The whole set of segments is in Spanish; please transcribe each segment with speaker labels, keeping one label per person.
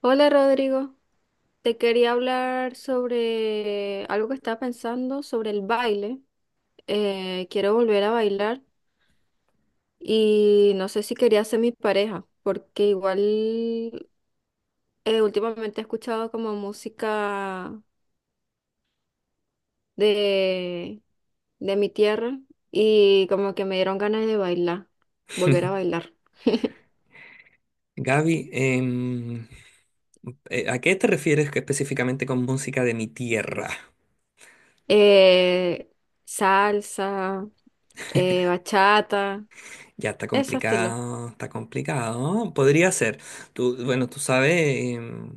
Speaker 1: Hola Rodrigo, te quería hablar sobre algo que estaba pensando sobre el baile. Quiero volver a bailar y no sé si quería ser mi pareja, porque igual últimamente he escuchado como música de, de mi tierra y como que me dieron ganas de bailar, volver a bailar.
Speaker 2: Gaby, ¿a qué te refieres que específicamente con música de mi tierra?
Speaker 1: Eh, Salsa, bachata,
Speaker 2: Ya está
Speaker 1: ese estilo.
Speaker 2: complicado, está complicado. Podría ser. Tú, bueno, tú sabes, em,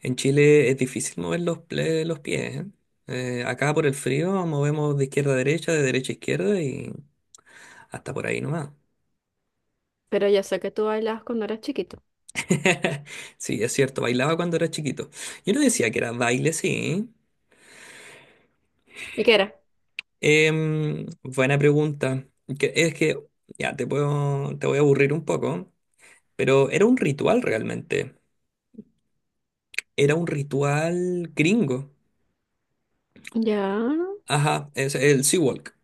Speaker 2: en Chile es difícil mover los pies, ¿eh? Acá por el frío movemos de izquierda a derecha, de derecha a izquierda y hasta por ahí nomás.
Speaker 1: Pero yo sé que tú bailabas cuando eras chiquito.
Speaker 2: Sí, es cierto, bailaba cuando era chiquito. Yo no decía que era baile, sí.
Speaker 1: ¿Y qué era?
Speaker 2: Buena pregunta. Es que, ya, te voy a aburrir un poco, pero era un ritual realmente. Era un ritual gringo.
Speaker 1: Ya.
Speaker 2: Ajá, es el Sea Walk.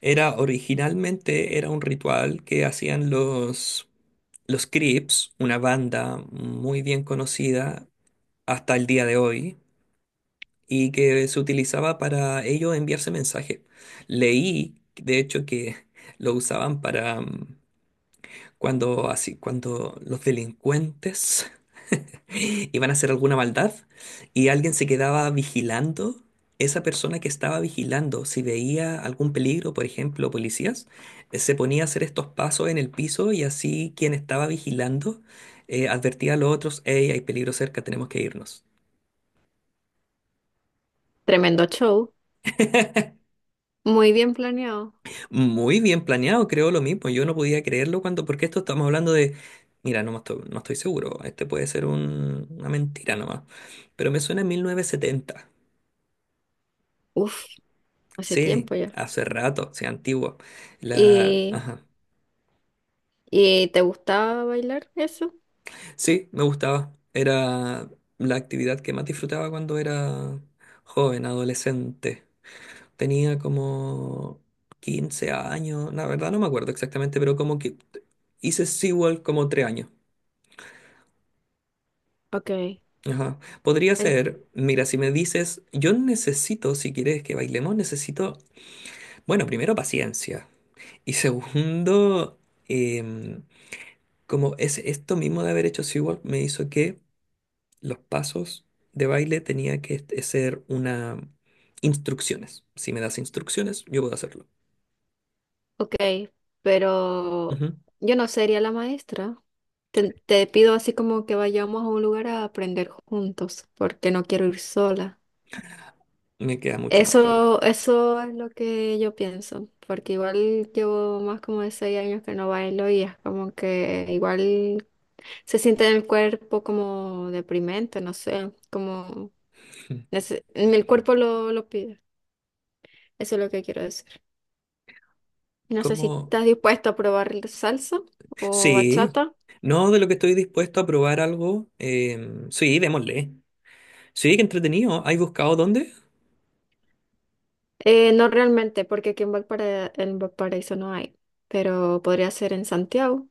Speaker 2: Era originalmente era un ritual que hacían los Crips, una banda muy bien conocida hasta el día de hoy, y que se utilizaba para ello enviarse mensajes. Leí, de hecho, que lo usaban para cuando cuando los delincuentes iban a hacer alguna maldad y alguien se quedaba vigilando, esa persona que estaba vigilando, si veía algún peligro, por ejemplo, policías, se ponía a hacer estos pasos en el piso, y así quien estaba vigilando advertía a los otros: hey, hay peligro cerca, tenemos que irnos.
Speaker 1: Tremendo show. Muy bien planeado.
Speaker 2: Muy bien planeado, creo lo mismo. Yo no podía creerlo cuando, porque esto estamos hablando de, mira, no, no estoy seguro, este puede ser una mentira nomás, pero me suena a 1970.
Speaker 1: Uf, hace
Speaker 2: Sí,
Speaker 1: tiempo ya.
Speaker 2: hace rato, sí, antiguo. La,
Speaker 1: ¿Y,
Speaker 2: ajá.
Speaker 1: ¿Y te gustaba bailar eso?
Speaker 2: Sí, me gustaba, era la actividad que más disfrutaba cuando era joven, adolescente. Tenía como 15 años, la verdad no me acuerdo exactamente, pero como que hice SeaWorld como 3 años.
Speaker 1: Ok.
Speaker 2: Ajá. Podría
Speaker 1: en-
Speaker 2: ser, mira, si me dices, yo necesito, si quieres que bailemos, necesito, bueno, primero paciencia. Y segundo, em, como es esto mismo de haber hecho SeaWorld, me hizo que los pasos de baile tenía que ser una instrucciones. Si me das instrucciones, yo puedo hacerlo.
Speaker 1: ok, pero
Speaker 2: Ujú.
Speaker 1: yo no sería la maestra. Te pido así como que vayamos a un lugar a aprender juntos, porque no quiero ir sola.
Speaker 2: Me queda mucho más claro.
Speaker 1: Eso es lo que yo pienso, porque igual llevo más como de 6 años que no bailo y es como que igual se siente en el cuerpo como deprimente, no sé, como
Speaker 2: Mm.
Speaker 1: el cuerpo lo pide. Eso es lo que quiero decir. No sé si
Speaker 2: ¿Cómo?
Speaker 1: estás dispuesto a probar salsa o
Speaker 2: Sí.
Speaker 1: bachata.
Speaker 2: No de lo que estoy dispuesto a probar algo. Sí, démosle. Sí, qué entretenido. ¿Has buscado dónde?
Speaker 1: No realmente, porque aquí en en Valparaíso no hay, pero podría ser en Santiago.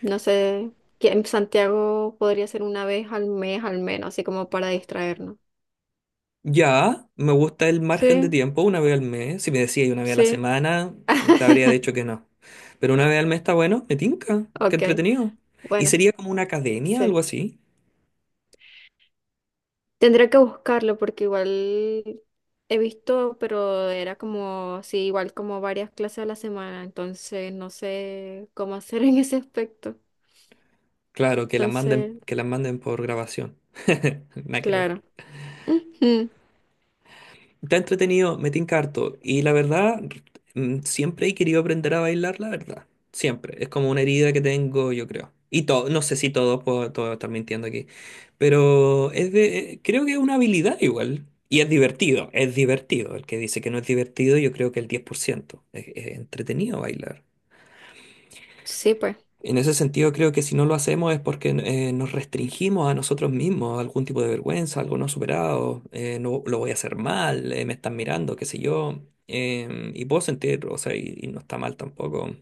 Speaker 1: No sé, que en Santiago podría ser una vez al mes al menos, así como para distraernos.
Speaker 2: Ya, me gusta el margen de
Speaker 1: Sí,
Speaker 2: tiempo, una vez al mes. Si me decía y una vez a la
Speaker 1: sí.
Speaker 2: semana, te habría dicho que no. Pero una vez al mes está bueno, me tinca, qué
Speaker 1: Ok,
Speaker 2: entretenido. Y
Speaker 1: bueno,
Speaker 2: sería como una academia, algo
Speaker 1: sí.
Speaker 2: así.
Speaker 1: Tendría que buscarlo porque igual he visto, pero era como, sí, igual como varias clases a la semana, entonces no sé cómo hacer en ese aspecto.
Speaker 2: Claro,
Speaker 1: Entonces,
Speaker 2: que la manden por grabación. Nada que ver.
Speaker 1: claro. Ujú.
Speaker 2: Está entretenido, me tinca harto. Y la verdad, mm, siempre he querido aprender a bailar, la verdad. Siempre. Es como una herida que tengo, yo creo. Y todo, no sé si todos puedo, todo estar mintiendo aquí. Pero es de, creo que es una habilidad igual. Y es divertido, es divertido. El que dice que no es divertido, yo creo que el 10%. Es entretenido bailar.
Speaker 1: Sí, pues.
Speaker 2: En ese sentido, creo que si no lo hacemos es porque nos restringimos a nosotros mismos, a algún tipo de vergüenza, algo no superado, no lo voy a hacer mal, me están mirando, qué sé yo. Y puedo sentir, o sea, y no está mal tampoco.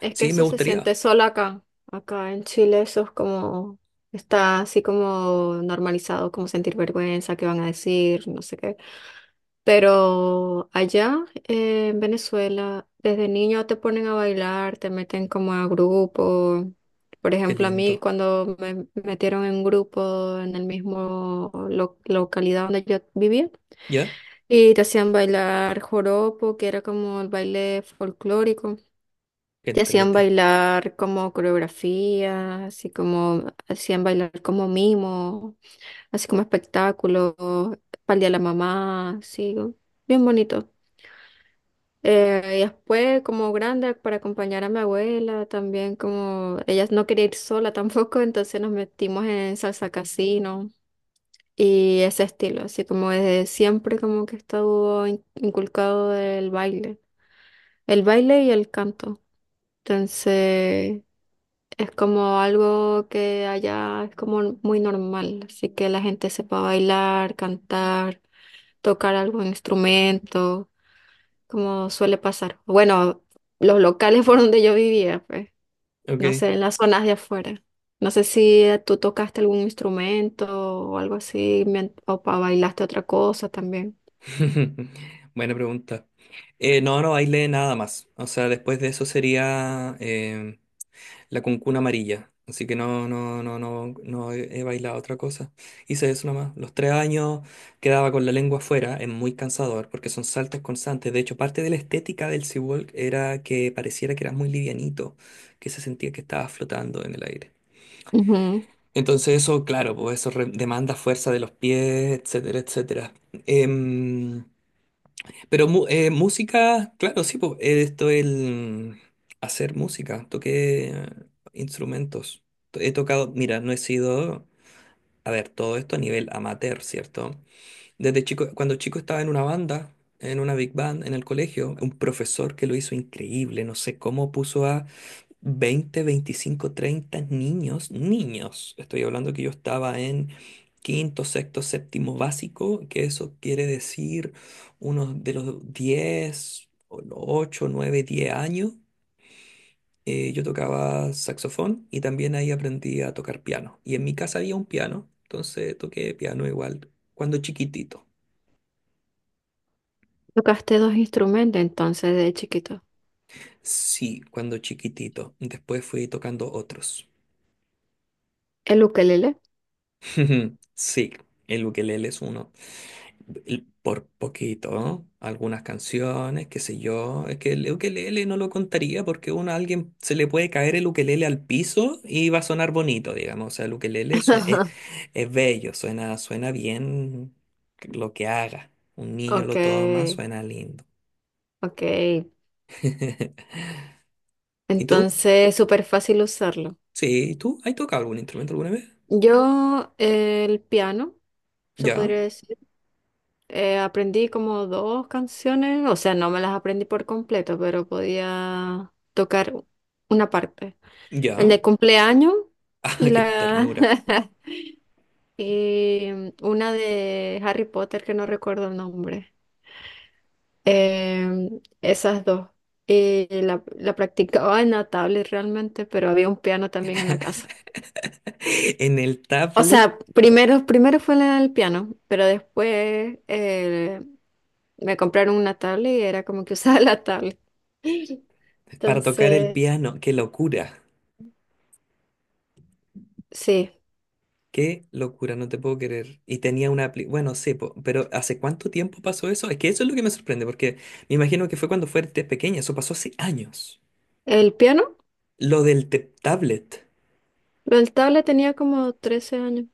Speaker 1: Es que
Speaker 2: Sí, me
Speaker 1: eso se
Speaker 2: gustaría.
Speaker 1: siente solo acá. Acá en Chile eso es como, está así como normalizado, como sentir vergüenza, qué van a decir, no sé qué. Pero allá en Venezuela, desde niño te ponen a bailar, te meten como a grupo. Por
Speaker 2: Qué
Speaker 1: ejemplo, a mí
Speaker 2: lindo.
Speaker 1: cuando me metieron en grupo en el mismo localidad donde yo vivía
Speaker 2: ¿Ya?
Speaker 1: y te hacían bailar joropo, que era como el baile folclórico.
Speaker 2: Qué
Speaker 1: Te hacían
Speaker 2: entrete.
Speaker 1: bailar como coreografía, así como hacían bailar como mimo, así como espectáculo, para el día de la mamá, así, bien bonito. Y después, como grande, para acompañar a mi abuela, también como ella no quería ir sola tampoco, entonces nos metimos en salsa casino y ese estilo, así como desde siempre como que estuvo inculcado el baile y el canto. Entonces... Es como algo que allá es como muy normal, así que la gente sepa bailar, cantar, tocar algún instrumento, como suele pasar. Bueno, los locales por donde yo vivía, pues, no
Speaker 2: Ok.
Speaker 1: sé, en las zonas de afuera. No sé si tú tocaste algún instrumento o algo así, bailaste otra cosa también.
Speaker 2: Buena pregunta. No, no bailé nada más. O sea, después de eso sería, la cuncuna amarilla. Así que no he, he bailado otra cosa. Hice eso nomás. Los 3 años quedaba con la lengua afuera, es muy cansador porque son saltos constantes. De hecho, parte de la estética del Sea Walk era que pareciera que eras muy livianito, que se sentía que estabas flotando en el aire.
Speaker 1: Ujú.
Speaker 2: Entonces eso, claro, pues eso demanda fuerza de los pies, etcétera, etcétera. Em, pero música, claro, sí, pues, esto es el hacer música, toqué instrumentos. He tocado, mira, no he sido, a ver, todo esto a nivel amateur, ¿cierto? Desde chico, cuando chico estaba en una banda, en una big band, en el colegio, un profesor que lo hizo increíble, no sé cómo puso 20, 25, 30 niños, niños. Estoy hablando que yo estaba en quinto, sexto, séptimo básico, que eso quiere decir unos de los 10, o los 8, 9, 10 años. Yo tocaba saxofón y también ahí aprendí a tocar piano. Y en mi casa había un piano, entonces toqué piano igual cuando chiquitito.
Speaker 1: Tocaste dos instrumentos entonces de chiquito.
Speaker 2: Sí, cuando chiquitito. Después fui tocando otros.
Speaker 1: El ukelele.
Speaker 2: Sí, el ukelele es uno. Y por poquito, ¿no? Algunas canciones, qué sé yo. Es que el ukelele no lo contaría porque uno a alguien se le puede caer el ukelele al piso y va a sonar bonito, digamos. O sea, es bello, suena, suena bien lo que haga. Un niño
Speaker 1: Ok,
Speaker 2: lo toma, suena lindo.
Speaker 1: ok.
Speaker 2: ¿Y tú?
Speaker 1: Entonces es súper fácil usarlo.
Speaker 2: Sí, ¿y tú? ¿Has tocado algún instrumento alguna vez?
Speaker 1: Yo el piano, se
Speaker 2: Ya,
Speaker 1: podría decir, aprendí como dos canciones, o sea, no me las aprendí por completo, pero podía tocar una parte.
Speaker 2: ya.
Speaker 1: El de cumpleaños
Speaker 2: Ah,
Speaker 1: y
Speaker 2: qué
Speaker 1: la
Speaker 2: ternura.
Speaker 1: y una de Harry Potter que no recuerdo el nombre. Em, esas dos. La practicaba en la tablet realmente, pero había un piano también en la casa.
Speaker 2: En el
Speaker 1: O
Speaker 2: tablet
Speaker 1: sea, primero fue el piano, pero después me compraron una tablet y era como que usaba la tablet.
Speaker 2: para tocar el
Speaker 1: Entonces,
Speaker 2: piano, qué locura.
Speaker 1: sí,
Speaker 2: Qué locura, no te puedo creer. Y tenía una apli- Bueno, sí, pero ¿hace cuánto tiempo pasó eso? Es que eso es lo que me sorprende, porque me imagino que fue cuando fuiste pequeña, eso pasó hace años.
Speaker 1: el piano,
Speaker 2: Lo del tablet,
Speaker 1: lo del tablet tenía como 13 años,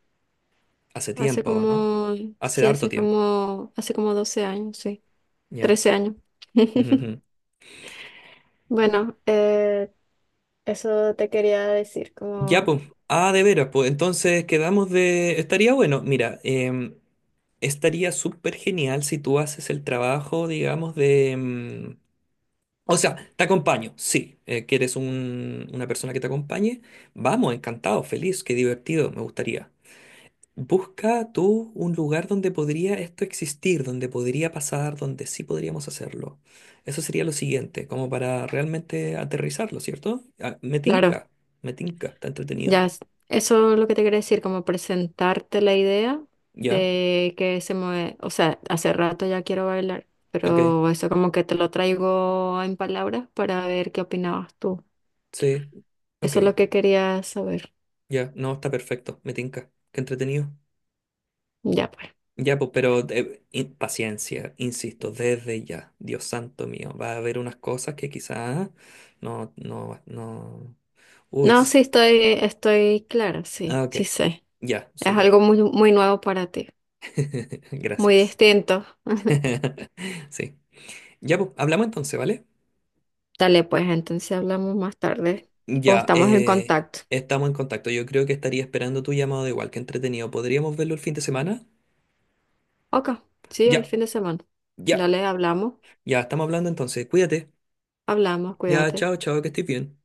Speaker 2: hace
Speaker 1: hace
Speaker 2: tiempo, ¿no?
Speaker 1: como,
Speaker 2: Hace
Speaker 1: sí,
Speaker 2: harto tiempo.
Speaker 1: hace como 12 años, sí,
Speaker 2: Ya.
Speaker 1: 13 años.
Speaker 2: Ujú, ujú.
Speaker 1: Bueno, eso te quería decir,
Speaker 2: Ya,
Speaker 1: como,
Speaker 2: pues. Ah, de veras, pues. Entonces quedamos de. Estaría bueno, mira, estaría súper genial si tú haces el trabajo, digamos, o sea, te acompaño, sí. ¿Quieres una persona que te acompañe? Vamos, encantado, feliz, qué divertido, me gustaría. Busca tú un lugar donde podría esto existir, donde podría pasar, donde sí podríamos hacerlo. Eso sería lo siguiente, como para realmente aterrizarlo, ¿cierto? Ah,
Speaker 1: claro.
Speaker 2: me tinca, está entretenido.
Speaker 1: Ya, eso es lo que te quería decir, como presentarte la idea
Speaker 2: ¿Ya?
Speaker 1: de que se mueve, o sea, hace rato ya quiero bailar,
Speaker 2: Ok,
Speaker 1: pero eso como que te lo traigo en palabras para ver qué opinabas tú.
Speaker 2: sí, ok,
Speaker 1: Eso es lo que quería saber.
Speaker 2: ya, no, está perfecto, me tinca, qué entretenido.
Speaker 1: Ya, pues.
Speaker 2: Ya, pues, pero paciencia, insisto, desde ya, Dios santo mío, va a haber unas cosas que quizás no, no, no. Uy,
Speaker 1: No, sí, estoy clara, sí,
Speaker 2: ok,
Speaker 1: sí sé.
Speaker 2: ya,
Speaker 1: Es
Speaker 2: súper.
Speaker 1: algo muy nuevo para ti, muy
Speaker 2: Gracias.
Speaker 1: distinto.
Speaker 2: Sí. Ya, pues, hablamos entonces, ¿vale?
Speaker 1: Dale, pues, entonces hablamos más tarde o
Speaker 2: Ya,
Speaker 1: estamos en contacto.
Speaker 2: estamos en contacto. Yo creo que estaría esperando tu llamado igual, que entretenido. ¿Podríamos verlo el fin de semana?
Speaker 1: Ok, sí, el
Speaker 2: Ya,
Speaker 1: fin de semana.
Speaker 2: ya,
Speaker 1: Dale, hablamos,
Speaker 2: ya, estamos hablando entonces. Cuídate.
Speaker 1: hablamos,
Speaker 2: Ya,
Speaker 1: cuídate.
Speaker 2: chao, chao, que estés bien.